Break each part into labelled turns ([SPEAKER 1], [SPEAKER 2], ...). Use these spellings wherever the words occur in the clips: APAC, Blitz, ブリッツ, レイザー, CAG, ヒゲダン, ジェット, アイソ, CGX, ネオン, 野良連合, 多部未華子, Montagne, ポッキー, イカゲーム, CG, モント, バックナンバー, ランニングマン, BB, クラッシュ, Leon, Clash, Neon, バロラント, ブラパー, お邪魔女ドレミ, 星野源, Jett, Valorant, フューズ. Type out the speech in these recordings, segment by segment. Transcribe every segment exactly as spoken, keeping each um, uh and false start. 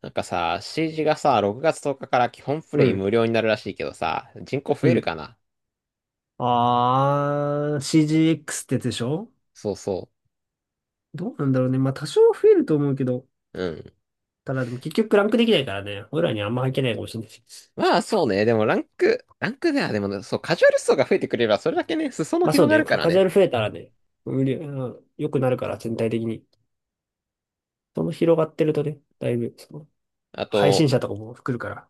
[SPEAKER 1] なんかさ、シージー がさ、ろくがつとおかかから基本プ
[SPEAKER 2] う
[SPEAKER 1] レイ
[SPEAKER 2] ん、
[SPEAKER 1] 無料になるらしいけどさ、人口増
[SPEAKER 2] う
[SPEAKER 1] える
[SPEAKER 2] ん。
[SPEAKER 1] かな？
[SPEAKER 2] あー、シージーエックス ってやつでしょ。
[SPEAKER 1] そうそ
[SPEAKER 2] どうなんだろうね。まあ、多少増えると思うけど、
[SPEAKER 1] う。うん。
[SPEAKER 2] ただでも結局ランクできないからね、俺らにあんま入ってないかもしれないし。
[SPEAKER 1] まあそうね、でもランク、ランクではでもね、そう、カジュアル層が増えてくれれば、それだけね、裾野
[SPEAKER 2] まあそう
[SPEAKER 1] 広が
[SPEAKER 2] ね、
[SPEAKER 1] るか
[SPEAKER 2] カ
[SPEAKER 1] ら
[SPEAKER 2] カジュ
[SPEAKER 1] ね。
[SPEAKER 2] アル増えたらね、無理、うん、良くなるから、全体的に。その広がってるとね、だいぶ、その、
[SPEAKER 1] あ
[SPEAKER 2] 配
[SPEAKER 1] と、
[SPEAKER 2] 信者とかも来るから。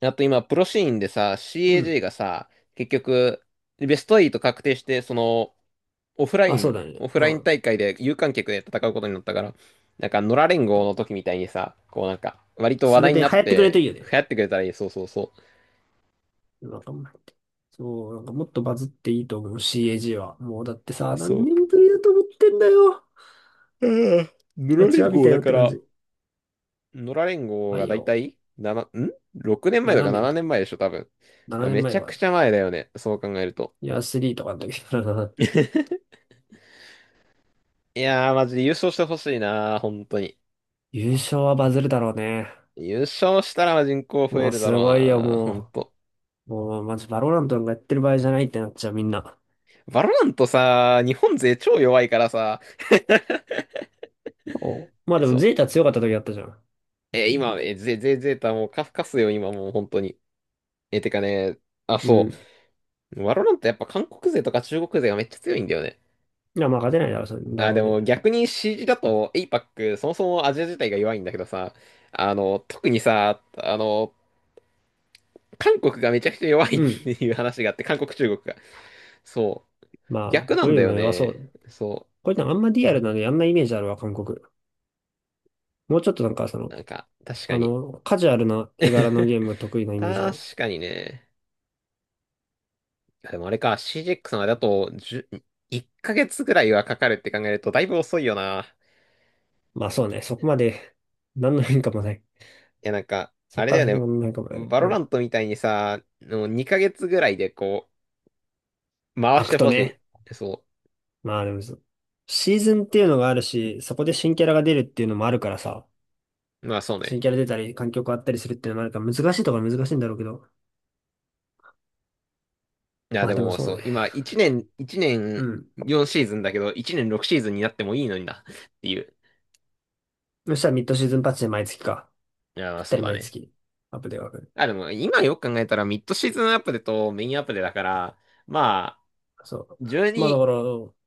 [SPEAKER 1] あと今、プロシーンでさ、
[SPEAKER 2] うん。
[SPEAKER 1] シーエージー がさ、結局、ベストはち確定して、その、オフラ
[SPEAKER 2] まあ、
[SPEAKER 1] イ
[SPEAKER 2] そう
[SPEAKER 1] ン、
[SPEAKER 2] だ
[SPEAKER 1] オ
[SPEAKER 2] ね。
[SPEAKER 1] フ
[SPEAKER 2] う
[SPEAKER 1] ライン
[SPEAKER 2] ん。
[SPEAKER 1] 大会で有観客で戦うことになったから、なんか、野良連合の時みたいにさ、こうなんか、割と話
[SPEAKER 2] それ
[SPEAKER 1] 題に
[SPEAKER 2] で流
[SPEAKER 1] な
[SPEAKER 2] 行
[SPEAKER 1] っ
[SPEAKER 2] ってくれる
[SPEAKER 1] て、
[SPEAKER 2] といいよね。
[SPEAKER 1] 流行ってくれたらいい。そうそうそ
[SPEAKER 2] なんかもうそう、なんかもっとバズっていいと思う、シーエージー は。もうだって
[SPEAKER 1] う。
[SPEAKER 2] さ、
[SPEAKER 1] そ
[SPEAKER 2] 何
[SPEAKER 1] う。
[SPEAKER 2] 年ぶりだと思ってんだよ。
[SPEAKER 1] うん。野良
[SPEAKER 2] 待ち
[SPEAKER 1] 連
[SPEAKER 2] わび
[SPEAKER 1] 合
[SPEAKER 2] た
[SPEAKER 1] だ
[SPEAKER 2] よっ
[SPEAKER 1] か
[SPEAKER 2] て感
[SPEAKER 1] ら、
[SPEAKER 2] じ。
[SPEAKER 1] 野良連合
[SPEAKER 2] ば
[SPEAKER 1] が
[SPEAKER 2] い
[SPEAKER 1] だいた
[SPEAKER 2] よ。
[SPEAKER 1] いななん ろく 年前だ
[SPEAKER 2] 7
[SPEAKER 1] か
[SPEAKER 2] 年
[SPEAKER 1] 7
[SPEAKER 2] と、
[SPEAKER 1] 年前でしょ、多分。い
[SPEAKER 2] 7
[SPEAKER 1] や、
[SPEAKER 2] 年
[SPEAKER 1] め
[SPEAKER 2] 前
[SPEAKER 1] ち
[SPEAKER 2] と
[SPEAKER 1] ゃ
[SPEAKER 2] か
[SPEAKER 1] く
[SPEAKER 2] だっ
[SPEAKER 1] ちゃ
[SPEAKER 2] た。
[SPEAKER 1] 前だよね、そう考えると。
[SPEAKER 2] いや、さんとかの時だな。
[SPEAKER 1] いやー、マジで優勝してほしいなー、本当に。
[SPEAKER 2] 優勝はバズるだろうね。
[SPEAKER 1] 優勝したら人口増
[SPEAKER 2] も
[SPEAKER 1] え
[SPEAKER 2] う
[SPEAKER 1] るだ
[SPEAKER 2] す
[SPEAKER 1] ろう
[SPEAKER 2] ごいよ、
[SPEAKER 1] なー、本
[SPEAKER 2] も
[SPEAKER 1] 当。
[SPEAKER 2] う。もう、マジバロラントなんかやってる場合じゃないってなっちゃう、みんな。
[SPEAKER 1] バロラントさー、日本勢超弱いからさ、
[SPEAKER 2] お、まあ で
[SPEAKER 1] そ
[SPEAKER 2] も、
[SPEAKER 1] う。
[SPEAKER 2] ゼータ強かった時あったじゃん。
[SPEAKER 1] えー、今、えー、ゼ、ゼ、ゼータもうカフカスよ、今もう本当に。えー、てかね、あ、
[SPEAKER 2] う
[SPEAKER 1] そ
[SPEAKER 2] ん。
[SPEAKER 1] う。バロラントやっぱ韓国勢とか中国勢がめっちゃ強いんだよね。
[SPEAKER 2] いや、まあ勝てないだろう、それだ
[SPEAKER 1] あ、
[SPEAKER 2] ろ
[SPEAKER 1] で
[SPEAKER 2] う
[SPEAKER 1] も
[SPEAKER 2] ね。
[SPEAKER 1] 逆に シージー だと エーパック、 そもそもアジア自体が弱いんだけどさ、あの、特にさ、あの、韓国がめちゃくちゃ弱いっ
[SPEAKER 2] う
[SPEAKER 1] て
[SPEAKER 2] ん。
[SPEAKER 1] いう話があって、韓国、中国が。そう。
[SPEAKER 2] まあ、
[SPEAKER 1] 逆な
[SPEAKER 2] こう
[SPEAKER 1] ん
[SPEAKER 2] い
[SPEAKER 1] だ
[SPEAKER 2] う
[SPEAKER 1] よ
[SPEAKER 2] の弱そ
[SPEAKER 1] ね。
[SPEAKER 2] う。
[SPEAKER 1] そ
[SPEAKER 2] こういうのあんまリアルなのやんないイメージあるわ、韓国。もうちょっとなんか、そ
[SPEAKER 1] う。
[SPEAKER 2] の、
[SPEAKER 1] なんか、確か
[SPEAKER 2] あ
[SPEAKER 1] に。
[SPEAKER 2] の、カジュアルな絵柄のゲーム得意な イメージある。
[SPEAKER 1] 確かにね。いやでもあれか、シージーエックス までだとじゅうヶ月ぐらいはかかるって考えるとだいぶ遅いよな。
[SPEAKER 2] まあそうね、そこまで、何の変化もない。
[SPEAKER 1] いや、なんか、
[SPEAKER 2] そ
[SPEAKER 1] あ
[SPEAKER 2] こ
[SPEAKER 1] れ
[SPEAKER 2] か
[SPEAKER 1] だ
[SPEAKER 2] ら
[SPEAKER 1] よ
[SPEAKER 2] 先
[SPEAKER 1] ね。
[SPEAKER 2] も何の変化もない。
[SPEAKER 1] バ
[SPEAKER 2] う
[SPEAKER 1] ロラ
[SPEAKER 2] ん。
[SPEAKER 1] ントみたいにさ、もうにかげつぐらいでこう、回
[SPEAKER 2] ア
[SPEAKER 1] して
[SPEAKER 2] クト
[SPEAKER 1] ほし
[SPEAKER 2] ね。
[SPEAKER 1] い。そう。
[SPEAKER 2] まあでもシーズンっていうのがあるし、そこで新キャラが出るっていうのもあるからさ、
[SPEAKER 1] まあそう
[SPEAKER 2] 新
[SPEAKER 1] ね。
[SPEAKER 2] キャラ出たり、環境変わったりするっていうのもあるから、難しいところは難しいんだろうけど。
[SPEAKER 1] いや、
[SPEAKER 2] ま
[SPEAKER 1] で
[SPEAKER 2] あでも
[SPEAKER 1] も
[SPEAKER 2] そ
[SPEAKER 1] そ
[SPEAKER 2] う
[SPEAKER 1] う、
[SPEAKER 2] ね。
[SPEAKER 1] 今、1年、一
[SPEAKER 2] う
[SPEAKER 1] 年
[SPEAKER 2] ん。
[SPEAKER 1] よんシーズンだけど、いちねんろくシーズンになってもいいのにな、っていう。
[SPEAKER 2] そしたらミッドシーズンパッチで毎月か。
[SPEAKER 1] い
[SPEAKER 2] ぴ
[SPEAKER 1] や、
[SPEAKER 2] った
[SPEAKER 1] そう
[SPEAKER 2] り
[SPEAKER 1] だ
[SPEAKER 2] 毎
[SPEAKER 1] ね。
[SPEAKER 2] 月、アップデートが来る。
[SPEAKER 1] あ、でも、今よく考えたら、ミッドシーズンアップデとメインアップデだから、まあ、
[SPEAKER 2] そう。まあだ
[SPEAKER 1] じゅうに、
[SPEAKER 2] から、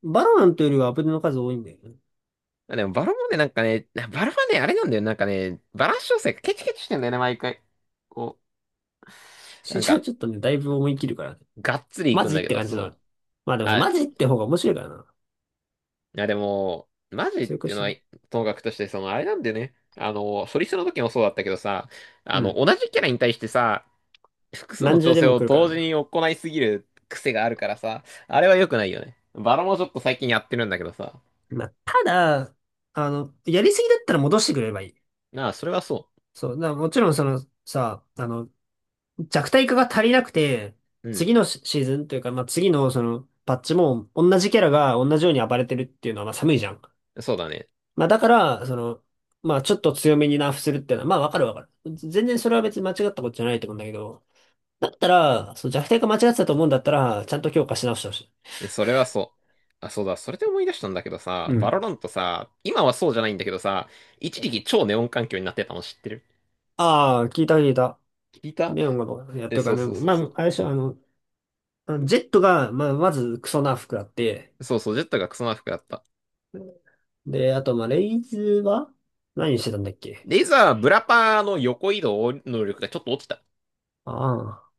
[SPEAKER 2] バロナントよりはアップデートの数多いんだよね。
[SPEAKER 1] あでも、バロもね、なんかね、バロはね、あれなんだよ。なんかね、バランス調整がケチケチしてんだよね、毎回。こう、
[SPEAKER 2] シ
[SPEAKER 1] な
[SPEAKER 2] ー
[SPEAKER 1] ん
[SPEAKER 2] チャは
[SPEAKER 1] か、
[SPEAKER 2] ちょっとね、だいぶ思い切るからね。
[SPEAKER 1] がっつりい
[SPEAKER 2] マ
[SPEAKER 1] くん
[SPEAKER 2] ジ
[SPEAKER 1] だ
[SPEAKER 2] っ
[SPEAKER 1] け
[SPEAKER 2] て
[SPEAKER 1] ど、
[SPEAKER 2] 感じだ
[SPEAKER 1] そう。
[SPEAKER 2] な。まあでもさ、
[SPEAKER 1] あ、
[SPEAKER 2] マジって方が面白いからな。
[SPEAKER 1] いや、でも、マジっ
[SPEAKER 2] 強
[SPEAKER 1] て
[SPEAKER 2] く
[SPEAKER 1] いう
[SPEAKER 2] し
[SPEAKER 1] の
[SPEAKER 2] て
[SPEAKER 1] は、
[SPEAKER 2] も。
[SPEAKER 1] ともかくとして、その、あれなんだよね。あの、ソリストの時もそうだったけどさ、
[SPEAKER 2] う
[SPEAKER 1] あの、
[SPEAKER 2] ん。
[SPEAKER 1] 同じキャラに対してさ、複数の
[SPEAKER 2] 何重
[SPEAKER 1] 調
[SPEAKER 2] で
[SPEAKER 1] 整
[SPEAKER 2] も
[SPEAKER 1] を
[SPEAKER 2] 来るから
[SPEAKER 1] 同時に
[SPEAKER 2] な。
[SPEAKER 1] 行いすぎる癖があるからさ、あれは良くないよね。バラもちょっと最近やってるんだけどさ。
[SPEAKER 2] まあ、ただ、あの、やりすぎだったら戻してくれればいい。
[SPEAKER 1] なあ、それはそ
[SPEAKER 2] そう、だからもちろんそのさ、あの、弱体化が足りなくて、
[SPEAKER 1] う。
[SPEAKER 2] 次
[SPEAKER 1] う
[SPEAKER 2] のシシーズンというか、まあ、次のそのパッチも同じキャラが同じように暴れてるっていうのはまあ寒いじゃん。
[SPEAKER 1] ん。そうだね。
[SPEAKER 2] まあ、だから、その、まあ、ちょっと強めにナーフするっていうのは、まあ、わかるわかる。全然それは別に間違ったことじゃないと思うんだけど、だったら、そう、弱体化間違ってたと思うんだったら、ちゃんと強化し直してほしい。
[SPEAKER 1] それはそう。あ、そうだ。それで思い出したんだけどさ、
[SPEAKER 2] う
[SPEAKER 1] バロ
[SPEAKER 2] ん。
[SPEAKER 1] ラントさ、今はそうじゃないんだけどさ、一時期超ネオン環境になってたの知ってる？
[SPEAKER 2] ああ、聞いた聞いた。
[SPEAKER 1] 聞いた？
[SPEAKER 2] ネオンがどうやっ
[SPEAKER 1] え、
[SPEAKER 2] てる
[SPEAKER 1] そ
[SPEAKER 2] か
[SPEAKER 1] う
[SPEAKER 2] ね。
[SPEAKER 1] そうそう
[SPEAKER 2] ま
[SPEAKER 1] そ
[SPEAKER 2] あ、
[SPEAKER 1] う。
[SPEAKER 2] あれでしょ、あの、あのジェットが、まあ、まずクソな服あって、
[SPEAKER 1] そうそう、ジェットがクソま服だった。
[SPEAKER 2] で、あと、まあ、レイズは何してたんだっけ。
[SPEAKER 1] レイザー、ブラパーの横移動能力がちょっと落ちた。
[SPEAKER 2] ああ。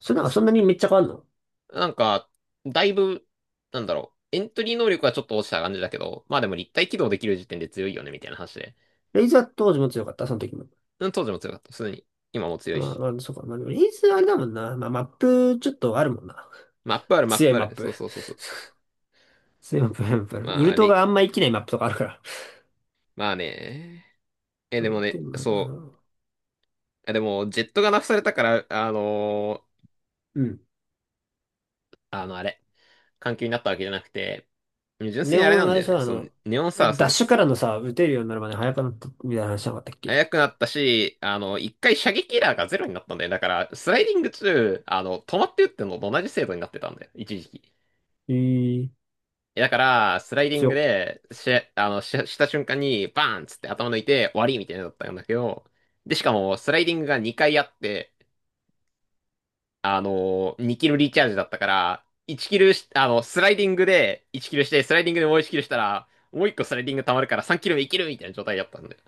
[SPEAKER 2] それなんかそんなにめっちゃ変わんの。
[SPEAKER 1] なんか、だいぶ、なんだろう、エントリー能力はちょっと落ちた感じだけど、まあでも立体起動できる時点で強いよね、みたいな話で。
[SPEAKER 2] レイズは当時も強かった、その時も。
[SPEAKER 1] うん、当時も強かった。普通に。今も強い
[SPEAKER 2] まあ、
[SPEAKER 1] し。
[SPEAKER 2] まあ、そうか。まあ、でもレイズはあれだもんな。まあ、マップちょっとあるもんな。
[SPEAKER 1] マップある、マッ
[SPEAKER 2] 強い
[SPEAKER 1] プあ
[SPEAKER 2] マッ
[SPEAKER 1] る。
[SPEAKER 2] プ。
[SPEAKER 1] そうそうそうそう。
[SPEAKER 2] 強いマップ、やっぱりウ
[SPEAKER 1] ま
[SPEAKER 2] ル
[SPEAKER 1] あ、
[SPEAKER 2] ト
[SPEAKER 1] レ、
[SPEAKER 2] があんま生きないマップとかあるから。
[SPEAKER 1] まあね。え、
[SPEAKER 2] う
[SPEAKER 1] でも
[SPEAKER 2] ん。で
[SPEAKER 1] ね、
[SPEAKER 2] も、あ
[SPEAKER 1] そう。
[SPEAKER 2] の
[SPEAKER 1] えでもねそうでもジェットがナフされたから、あのー
[SPEAKER 2] うん。
[SPEAKER 1] あの、あれ、環境になったわけじゃなくて、純粋
[SPEAKER 2] レ
[SPEAKER 1] に
[SPEAKER 2] オ
[SPEAKER 1] あれな
[SPEAKER 2] ン、
[SPEAKER 1] ん
[SPEAKER 2] あ
[SPEAKER 1] だ
[SPEAKER 2] れ
[SPEAKER 1] よね。
[SPEAKER 2] さ、あ
[SPEAKER 1] そ
[SPEAKER 2] の、
[SPEAKER 1] う、ネオンサー、
[SPEAKER 2] ダ
[SPEAKER 1] そ
[SPEAKER 2] ッ
[SPEAKER 1] う、
[SPEAKER 2] シュからのさ、打てるようになるまで早くなったみたいな話なかったっけ。
[SPEAKER 1] 速くなったし、あの、一回射撃エラーがゼロになったんだよ。だから、スライディング中、あの、止まって打ってんのと同じ精度になってたんだよ。一時期。
[SPEAKER 2] え。え。
[SPEAKER 1] え、だから、スライディン
[SPEAKER 2] 強
[SPEAKER 1] グ
[SPEAKER 2] っ。
[SPEAKER 1] で、し、あの、し、した瞬間に、バーンっつって頭抜いて、終わりみたいになのだったんだけど、で、しかも、スライディングがにかいあって、あの、にキルリチャージだったから、いちキルし、あの、スライディングでいちキルして、スライディングでもういちキルしたら、もういっこスライディング溜まるからさんキル目いけるみたいな状態だったんだよ。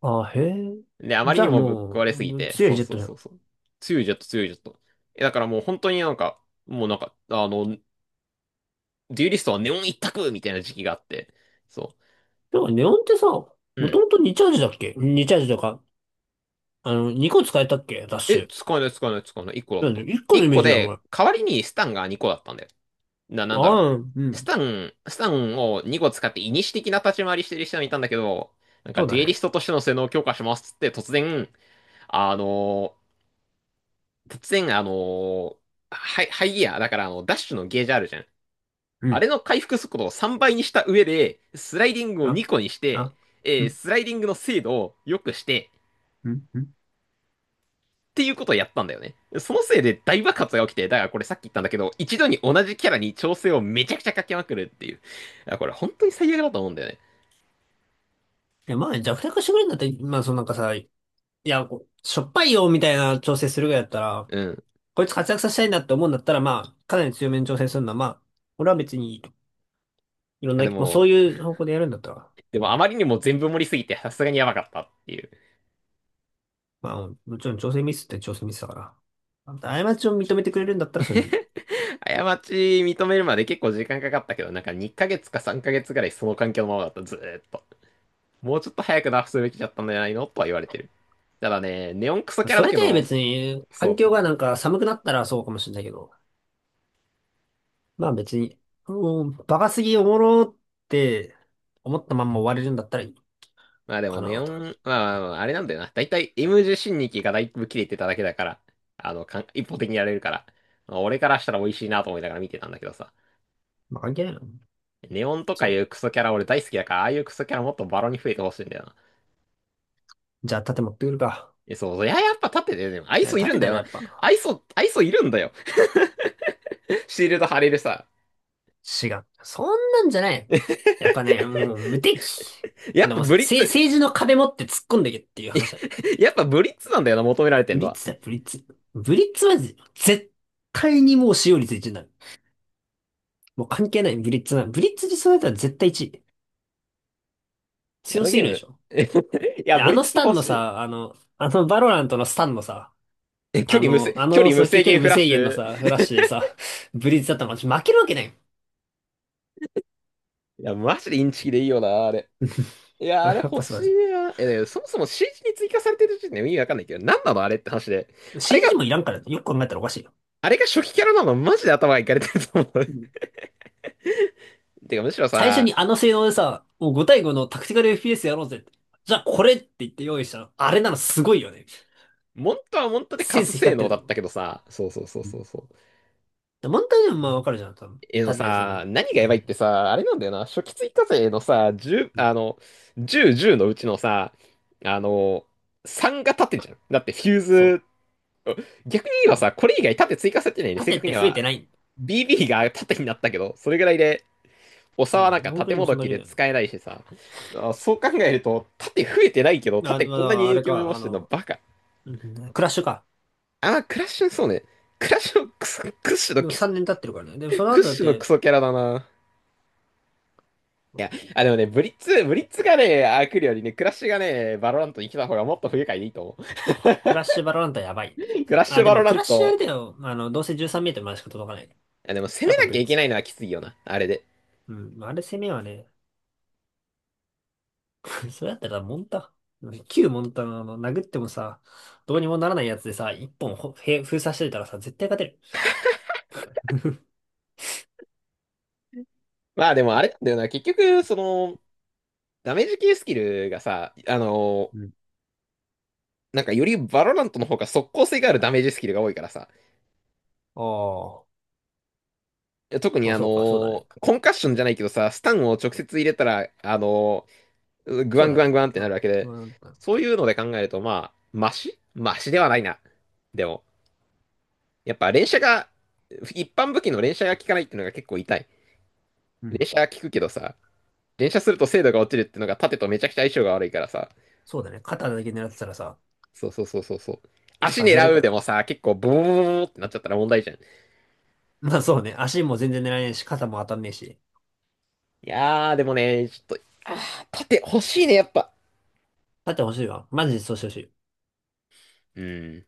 [SPEAKER 2] あ、へえ。
[SPEAKER 1] で、あまり
[SPEAKER 2] じゃ
[SPEAKER 1] に
[SPEAKER 2] あ
[SPEAKER 1] もぶっ
[SPEAKER 2] も
[SPEAKER 1] 壊れ
[SPEAKER 2] う、
[SPEAKER 1] すぎ
[SPEAKER 2] うん、
[SPEAKER 1] て、
[SPEAKER 2] 強
[SPEAKER 1] そ
[SPEAKER 2] い
[SPEAKER 1] う
[SPEAKER 2] ジェッ
[SPEAKER 1] そ
[SPEAKER 2] ト
[SPEAKER 1] う
[SPEAKER 2] じゃ
[SPEAKER 1] そ
[SPEAKER 2] ん。
[SPEAKER 1] うそう。強いジェット、強いジェット。え、だからもう本当になんか、もうなんか、あの、デュエリストはネオン一択みたいな時期があって、そ
[SPEAKER 2] でもネオンってさ、も
[SPEAKER 1] う。う
[SPEAKER 2] と
[SPEAKER 1] ん。
[SPEAKER 2] もとにチャージだっけ？ に チャージとか、あの、にこ使えたっけダッシ
[SPEAKER 1] え、
[SPEAKER 2] ュ。
[SPEAKER 1] 使えない、使えない、使えない。いっこだっ
[SPEAKER 2] なんで、
[SPEAKER 1] た。
[SPEAKER 2] いっこのイ
[SPEAKER 1] 1
[SPEAKER 2] メー
[SPEAKER 1] 個
[SPEAKER 2] ジだよ、お
[SPEAKER 1] で、
[SPEAKER 2] 前。
[SPEAKER 1] 代わりにスタンがにこだったんだよ。な、なんだろう。
[SPEAKER 2] ああ、う
[SPEAKER 1] ス
[SPEAKER 2] ん。
[SPEAKER 1] タン、スタンをにこ使って、イニシ的な立ち回りしてる人もいたんだけど、なん
[SPEAKER 2] そ
[SPEAKER 1] か、
[SPEAKER 2] う
[SPEAKER 1] デ
[SPEAKER 2] だ
[SPEAKER 1] ュエリ
[SPEAKER 2] ね。
[SPEAKER 1] ストとしての性能を強化しますっつって、突然、あの、突然、あの、ハイ、ハイギア、だからあの、ダッシュのゲージあるじゃん。
[SPEAKER 2] う
[SPEAKER 1] あれ
[SPEAKER 2] ん。
[SPEAKER 1] の回復速度をさんばいにした上で、スライディングを
[SPEAKER 2] あ、
[SPEAKER 1] にこにして、
[SPEAKER 2] あ、う
[SPEAKER 1] えー
[SPEAKER 2] ん、
[SPEAKER 1] スライディングの精度を良くして、
[SPEAKER 2] うん、うん。
[SPEAKER 1] っていうことをやったんだよね。そのせいで大爆発が起きて、だからこれさっき言ったんだけど、一度に同じキャラに調整をめちゃくちゃかけまくるっていう。これ本当に最悪だと思うんだよね。
[SPEAKER 2] いや、まあ弱体化してくれるんだって、まあそのなんかさ、いや、こうしょっぱいよ、みたいな調整するぐらいだったら、
[SPEAKER 1] うん。
[SPEAKER 2] こいつ活躍させたいなって思うんだったら、まあ、かなり強めに調整するのは、まあ、俺は別にいいと。いろんな、
[SPEAKER 1] で
[SPEAKER 2] まあそ
[SPEAKER 1] も、
[SPEAKER 2] ういう方向でやるんだったら。
[SPEAKER 1] でもあまりにも全部盛りすぎてさすがにやばかったっていう。
[SPEAKER 2] まあ、もちろん調整ミスって調整ミスだから。まあんた過ちを認めてくれるんだったらそれでいい。
[SPEAKER 1] 過ち認めるまで結構時間かかったけど、なんかにかげつかさんかげつぐらいその環境のままだった、ずーっと。もうちょっと早くナフすべきだったんじゃないのとは言われてる。ただね、ネオンクソキャラ
[SPEAKER 2] そ
[SPEAKER 1] だ
[SPEAKER 2] れ
[SPEAKER 1] け
[SPEAKER 2] で
[SPEAKER 1] ど、
[SPEAKER 2] 別に、
[SPEAKER 1] そ
[SPEAKER 2] 環
[SPEAKER 1] う
[SPEAKER 2] 境
[SPEAKER 1] そう
[SPEAKER 2] が
[SPEAKER 1] そ
[SPEAKER 2] な
[SPEAKER 1] う。
[SPEAKER 2] んか寒くなったらそうかもしれないけど、まあ別に、もう、バカすぎおもろって思ったまんま終われるんだったらいい
[SPEAKER 1] まあでも
[SPEAKER 2] かな、
[SPEAKER 1] ネオ
[SPEAKER 2] とか。
[SPEAKER 1] ン、まあまあまあ、あれなんだよな。だいたい エムテン 新日期がだいぶ切れてただけだから、あの、かん一方的にやれるから、まあ俺からしたら美味しいなと思いながら見てたんだけどさ。
[SPEAKER 2] まあ関係ないな。
[SPEAKER 1] ネオンとかい
[SPEAKER 2] そ
[SPEAKER 1] うクソキャラ俺大好きだから、ああいうクソキャラもっとバロに増えてほしいんだよな。
[SPEAKER 2] う。じゃあ盾持ってくるか。
[SPEAKER 1] え、そうそう。いや、やっぱ立ってて、でも、アイ
[SPEAKER 2] いや、
[SPEAKER 1] ソいるん
[SPEAKER 2] 盾
[SPEAKER 1] だ
[SPEAKER 2] だ
[SPEAKER 1] よ
[SPEAKER 2] ろ、や
[SPEAKER 1] な。
[SPEAKER 2] っぱ。
[SPEAKER 1] アイソ、アイソいるんだよ。シールド貼れるさ。
[SPEAKER 2] 違う。そんなんじゃない。やっぱね、もう無敵。
[SPEAKER 1] やっ
[SPEAKER 2] で
[SPEAKER 1] ぱ
[SPEAKER 2] も、せ、
[SPEAKER 1] ブリッツ、
[SPEAKER 2] 政治の壁持って突っ込んでけっていう話だ。
[SPEAKER 1] やっぱブリッツなんだよな、求められて
[SPEAKER 2] ブ
[SPEAKER 1] んの
[SPEAKER 2] リッ
[SPEAKER 1] は。
[SPEAKER 2] ツ
[SPEAKER 1] い
[SPEAKER 2] だ、ブリッツ。ブリッツは絶対にもう使用率いちになる。もう関係ない、ブリッツな。ブリッツ実装だったら絶対いちい。
[SPEAKER 1] や、あ
[SPEAKER 2] 強
[SPEAKER 1] の
[SPEAKER 2] す
[SPEAKER 1] ゲ
[SPEAKER 2] ぎ
[SPEAKER 1] ー
[SPEAKER 2] るで
[SPEAKER 1] ム。
[SPEAKER 2] しょ。
[SPEAKER 1] いや、
[SPEAKER 2] で、
[SPEAKER 1] ブ
[SPEAKER 2] あ
[SPEAKER 1] リッ
[SPEAKER 2] の
[SPEAKER 1] ツ
[SPEAKER 2] スタ
[SPEAKER 1] 欲
[SPEAKER 2] ンの
[SPEAKER 1] しい。
[SPEAKER 2] さ、あの、あのバロラントのスタンのさ、
[SPEAKER 1] え距
[SPEAKER 2] あ
[SPEAKER 1] 離無制、
[SPEAKER 2] の、あ
[SPEAKER 1] 距
[SPEAKER 2] の
[SPEAKER 1] 離無
[SPEAKER 2] 速球
[SPEAKER 1] 制
[SPEAKER 2] 距
[SPEAKER 1] 限
[SPEAKER 2] 離
[SPEAKER 1] フ
[SPEAKER 2] 無
[SPEAKER 1] ラッ
[SPEAKER 2] 制
[SPEAKER 1] シ
[SPEAKER 2] 限の
[SPEAKER 1] ュ。
[SPEAKER 2] さ、フラッシュでさ、ブリッツだったら負けるわけないよ。
[SPEAKER 1] いや、マジでインチキでいいよな、あれ。いや、
[SPEAKER 2] あ
[SPEAKER 1] あ
[SPEAKER 2] れ
[SPEAKER 1] れ
[SPEAKER 2] やっ
[SPEAKER 1] 欲
[SPEAKER 2] ぱ素晴
[SPEAKER 1] し
[SPEAKER 2] ら
[SPEAKER 1] い
[SPEAKER 2] し
[SPEAKER 1] な。え、でもそもそも シージー に追加されてる時点で意味わかんないけど、なんなのあれって話で。
[SPEAKER 2] い。
[SPEAKER 1] あれが、
[SPEAKER 2] シージー もいらんからね、よく考えたらおかしいよ。
[SPEAKER 1] あれが初期キャラなのマジで頭がいかれてると思
[SPEAKER 2] う
[SPEAKER 1] う。
[SPEAKER 2] ん。
[SPEAKER 1] てか、むしろ
[SPEAKER 2] 最初
[SPEAKER 1] さ、
[SPEAKER 2] にあの性能でさ、もうご対ごのタクティカル エフピーエス やろうぜって。じゃあこれって言って用意したの。あれなのすごいよね。
[SPEAKER 1] モントはモントで
[SPEAKER 2] セ
[SPEAKER 1] カ
[SPEAKER 2] ン
[SPEAKER 1] ス
[SPEAKER 2] ス
[SPEAKER 1] 性
[SPEAKER 2] 光って
[SPEAKER 1] 能
[SPEAKER 2] る
[SPEAKER 1] だ
[SPEAKER 2] と
[SPEAKER 1] っ
[SPEAKER 2] 思う。
[SPEAKER 1] たけどさ、そうそうそうそうそう。
[SPEAKER 2] でモンターニュもまあわかるじゃん、多分。
[SPEAKER 1] えの
[SPEAKER 2] 縦で攻める
[SPEAKER 1] さ、
[SPEAKER 2] けど。
[SPEAKER 1] 何がやばいってさ、あれなんだよな、初期追加税のさ、じゅう、
[SPEAKER 2] うん。
[SPEAKER 1] あの、じゅう、じゅうのうちのさ、あの、さんが立ってんじゃん。だってフュー
[SPEAKER 2] そ
[SPEAKER 1] ズ、
[SPEAKER 2] う。
[SPEAKER 1] 逆に言え
[SPEAKER 2] そ
[SPEAKER 1] ばさ、
[SPEAKER 2] う。
[SPEAKER 1] これ以外縦追加されてないね。正
[SPEAKER 2] 縦っ
[SPEAKER 1] 確
[SPEAKER 2] て
[SPEAKER 1] に
[SPEAKER 2] 増え
[SPEAKER 1] は
[SPEAKER 2] てない。
[SPEAKER 1] ビービー が縦になったけど、それぐらいで、おさ
[SPEAKER 2] う
[SPEAKER 1] はなん
[SPEAKER 2] ん。
[SPEAKER 1] か
[SPEAKER 2] 本当
[SPEAKER 1] 縦
[SPEAKER 2] にも
[SPEAKER 1] も
[SPEAKER 2] うそ
[SPEAKER 1] ど
[SPEAKER 2] んだ
[SPEAKER 1] き
[SPEAKER 2] け
[SPEAKER 1] で
[SPEAKER 2] だよね。
[SPEAKER 1] 使えないしさ、あそう考えると、縦増えてないけど、
[SPEAKER 2] あ、
[SPEAKER 1] 縦
[SPEAKER 2] ま
[SPEAKER 1] こんなに
[SPEAKER 2] だ、あ
[SPEAKER 1] 影
[SPEAKER 2] れ
[SPEAKER 1] 響を及ぼ
[SPEAKER 2] か、あ
[SPEAKER 1] してんの
[SPEAKER 2] の、
[SPEAKER 1] バカ。
[SPEAKER 2] うん、クラッシュか。
[SPEAKER 1] あー、クラッシュ、そうね。クラッシュのクソ、クッシュの
[SPEAKER 2] でもさんねん経ってるからね。でもその
[SPEAKER 1] クッ
[SPEAKER 2] 後だっ
[SPEAKER 1] シュのク
[SPEAKER 2] て、
[SPEAKER 1] ソキャラだな。いや、あ、でもね、ブリッツ、ブリッツがね、あ、来るよりね、クラッシュがね、バロラントに来た方がもっと不愉快でいいと思う。
[SPEAKER 2] クラッシュバロランタやばい。
[SPEAKER 1] クラッシ
[SPEAKER 2] あ、
[SPEAKER 1] ュ
[SPEAKER 2] で
[SPEAKER 1] バロ
[SPEAKER 2] も
[SPEAKER 1] ラ
[SPEAKER 2] ク
[SPEAKER 1] ン
[SPEAKER 2] ラッシュあ
[SPEAKER 1] ト。
[SPEAKER 2] れだよ。あの、どうせじゅうさんメートルまでしか届かない。
[SPEAKER 1] いや、でも攻
[SPEAKER 2] や
[SPEAKER 1] め
[SPEAKER 2] っぱ
[SPEAKER 1] な
[SPEAKER 2] ブ
[SPEAKER 1] きゃ
[SPEAKER 2] リッ
[SPEAKER 1] いけ
[SPEAKER 2] ツ
[SPEAKER 1] な
[SPEAKER 2] よ。
[SPEAKER 1] いのはきついよな、あれで。
[SPEAKER 2] うん。まあれ攻めはね、それだったらモンタ。旧モンタのあの、殴ってもさ、どうにもならないやつでさ、一本ほへ封鎖してたらさ、絶対勝てる。
[SPEAKER 1] まあでもあれなんだよな、結局、その、ダメージ系スキルがさ、あ の、
[SPEAKER 2] うん。
[SPEAKER 1] なんかよりバロラントの方が速攻性があるダメージスキルが多いからさ、
[SPEAKER 2] ああ、
[SPEAKER 1] 特に
[SPEAKER 2] まあ
[SPEAKER 1] あ
[SPEAKER 2] そうか、そうだ
[SPEAKER 1] の、
[SPEAKER 2] ね。
[SPEAKER 1] コンカッションじゃないけどさ、スタンを直接入れたら、あの、グワ
[SPEAKER 2] そう
[SPEAKER 1] ン
[SPEAKER 2] だ
[SPEAKER 1] グワ
[SPEAKER 2] ね。
[SPEAKER 1] ングワンって
[SPEAKER 2] う
[SPEAKER 1] なるわ
[SPEAKER 2] ん。
[SPEAKER 1] けで、
[SPEAKER 2] まあなんか
[SPEAKER 1] そういうので考えると、まあ、マシマシではないな。でも。やっぱ連射が、一般武器の連射が効かないっていうのが結構痛い。
[SPEAKER 2] う
[SPEAKER 1] 連
[SPEAKER 2] ん。
[SPEAKER 1] 射は効くけどさ、連射すると精度が落ちるっていうのが盾とめちゃくちゃ相性が悪いからさ。
[SPEAKER 2] そうだね。肩だけ狙ってたらさ、
[SPEAKER 1] そうそうそうそうそう。
[SPEAKER 2] いつ
[SPEAKER 1] 足
[SPEAKER 2] か外れ
[SPEAKER 1] 狙
[SPEAKER 2] る
[SPEAKER 1] う
[SPEAKER 2] か
[SPEAKER 1] で
[SPEAKER 2] ら。
[SPEAKER 1] もさ、結構ボーボーボーってなっちゃったら問題じゃん。い
[SPEAKER 2] まあそうね。足も全然狙えないし、肩も当たんねえし。
[SPEAKER 1] やー、でもね、ちょっと、あー、盾欲しいね、やっぱ。
[SPEAKER 2] だって欲しいわ。マジでそうしてほしい。
[SPEAKER 1] うん。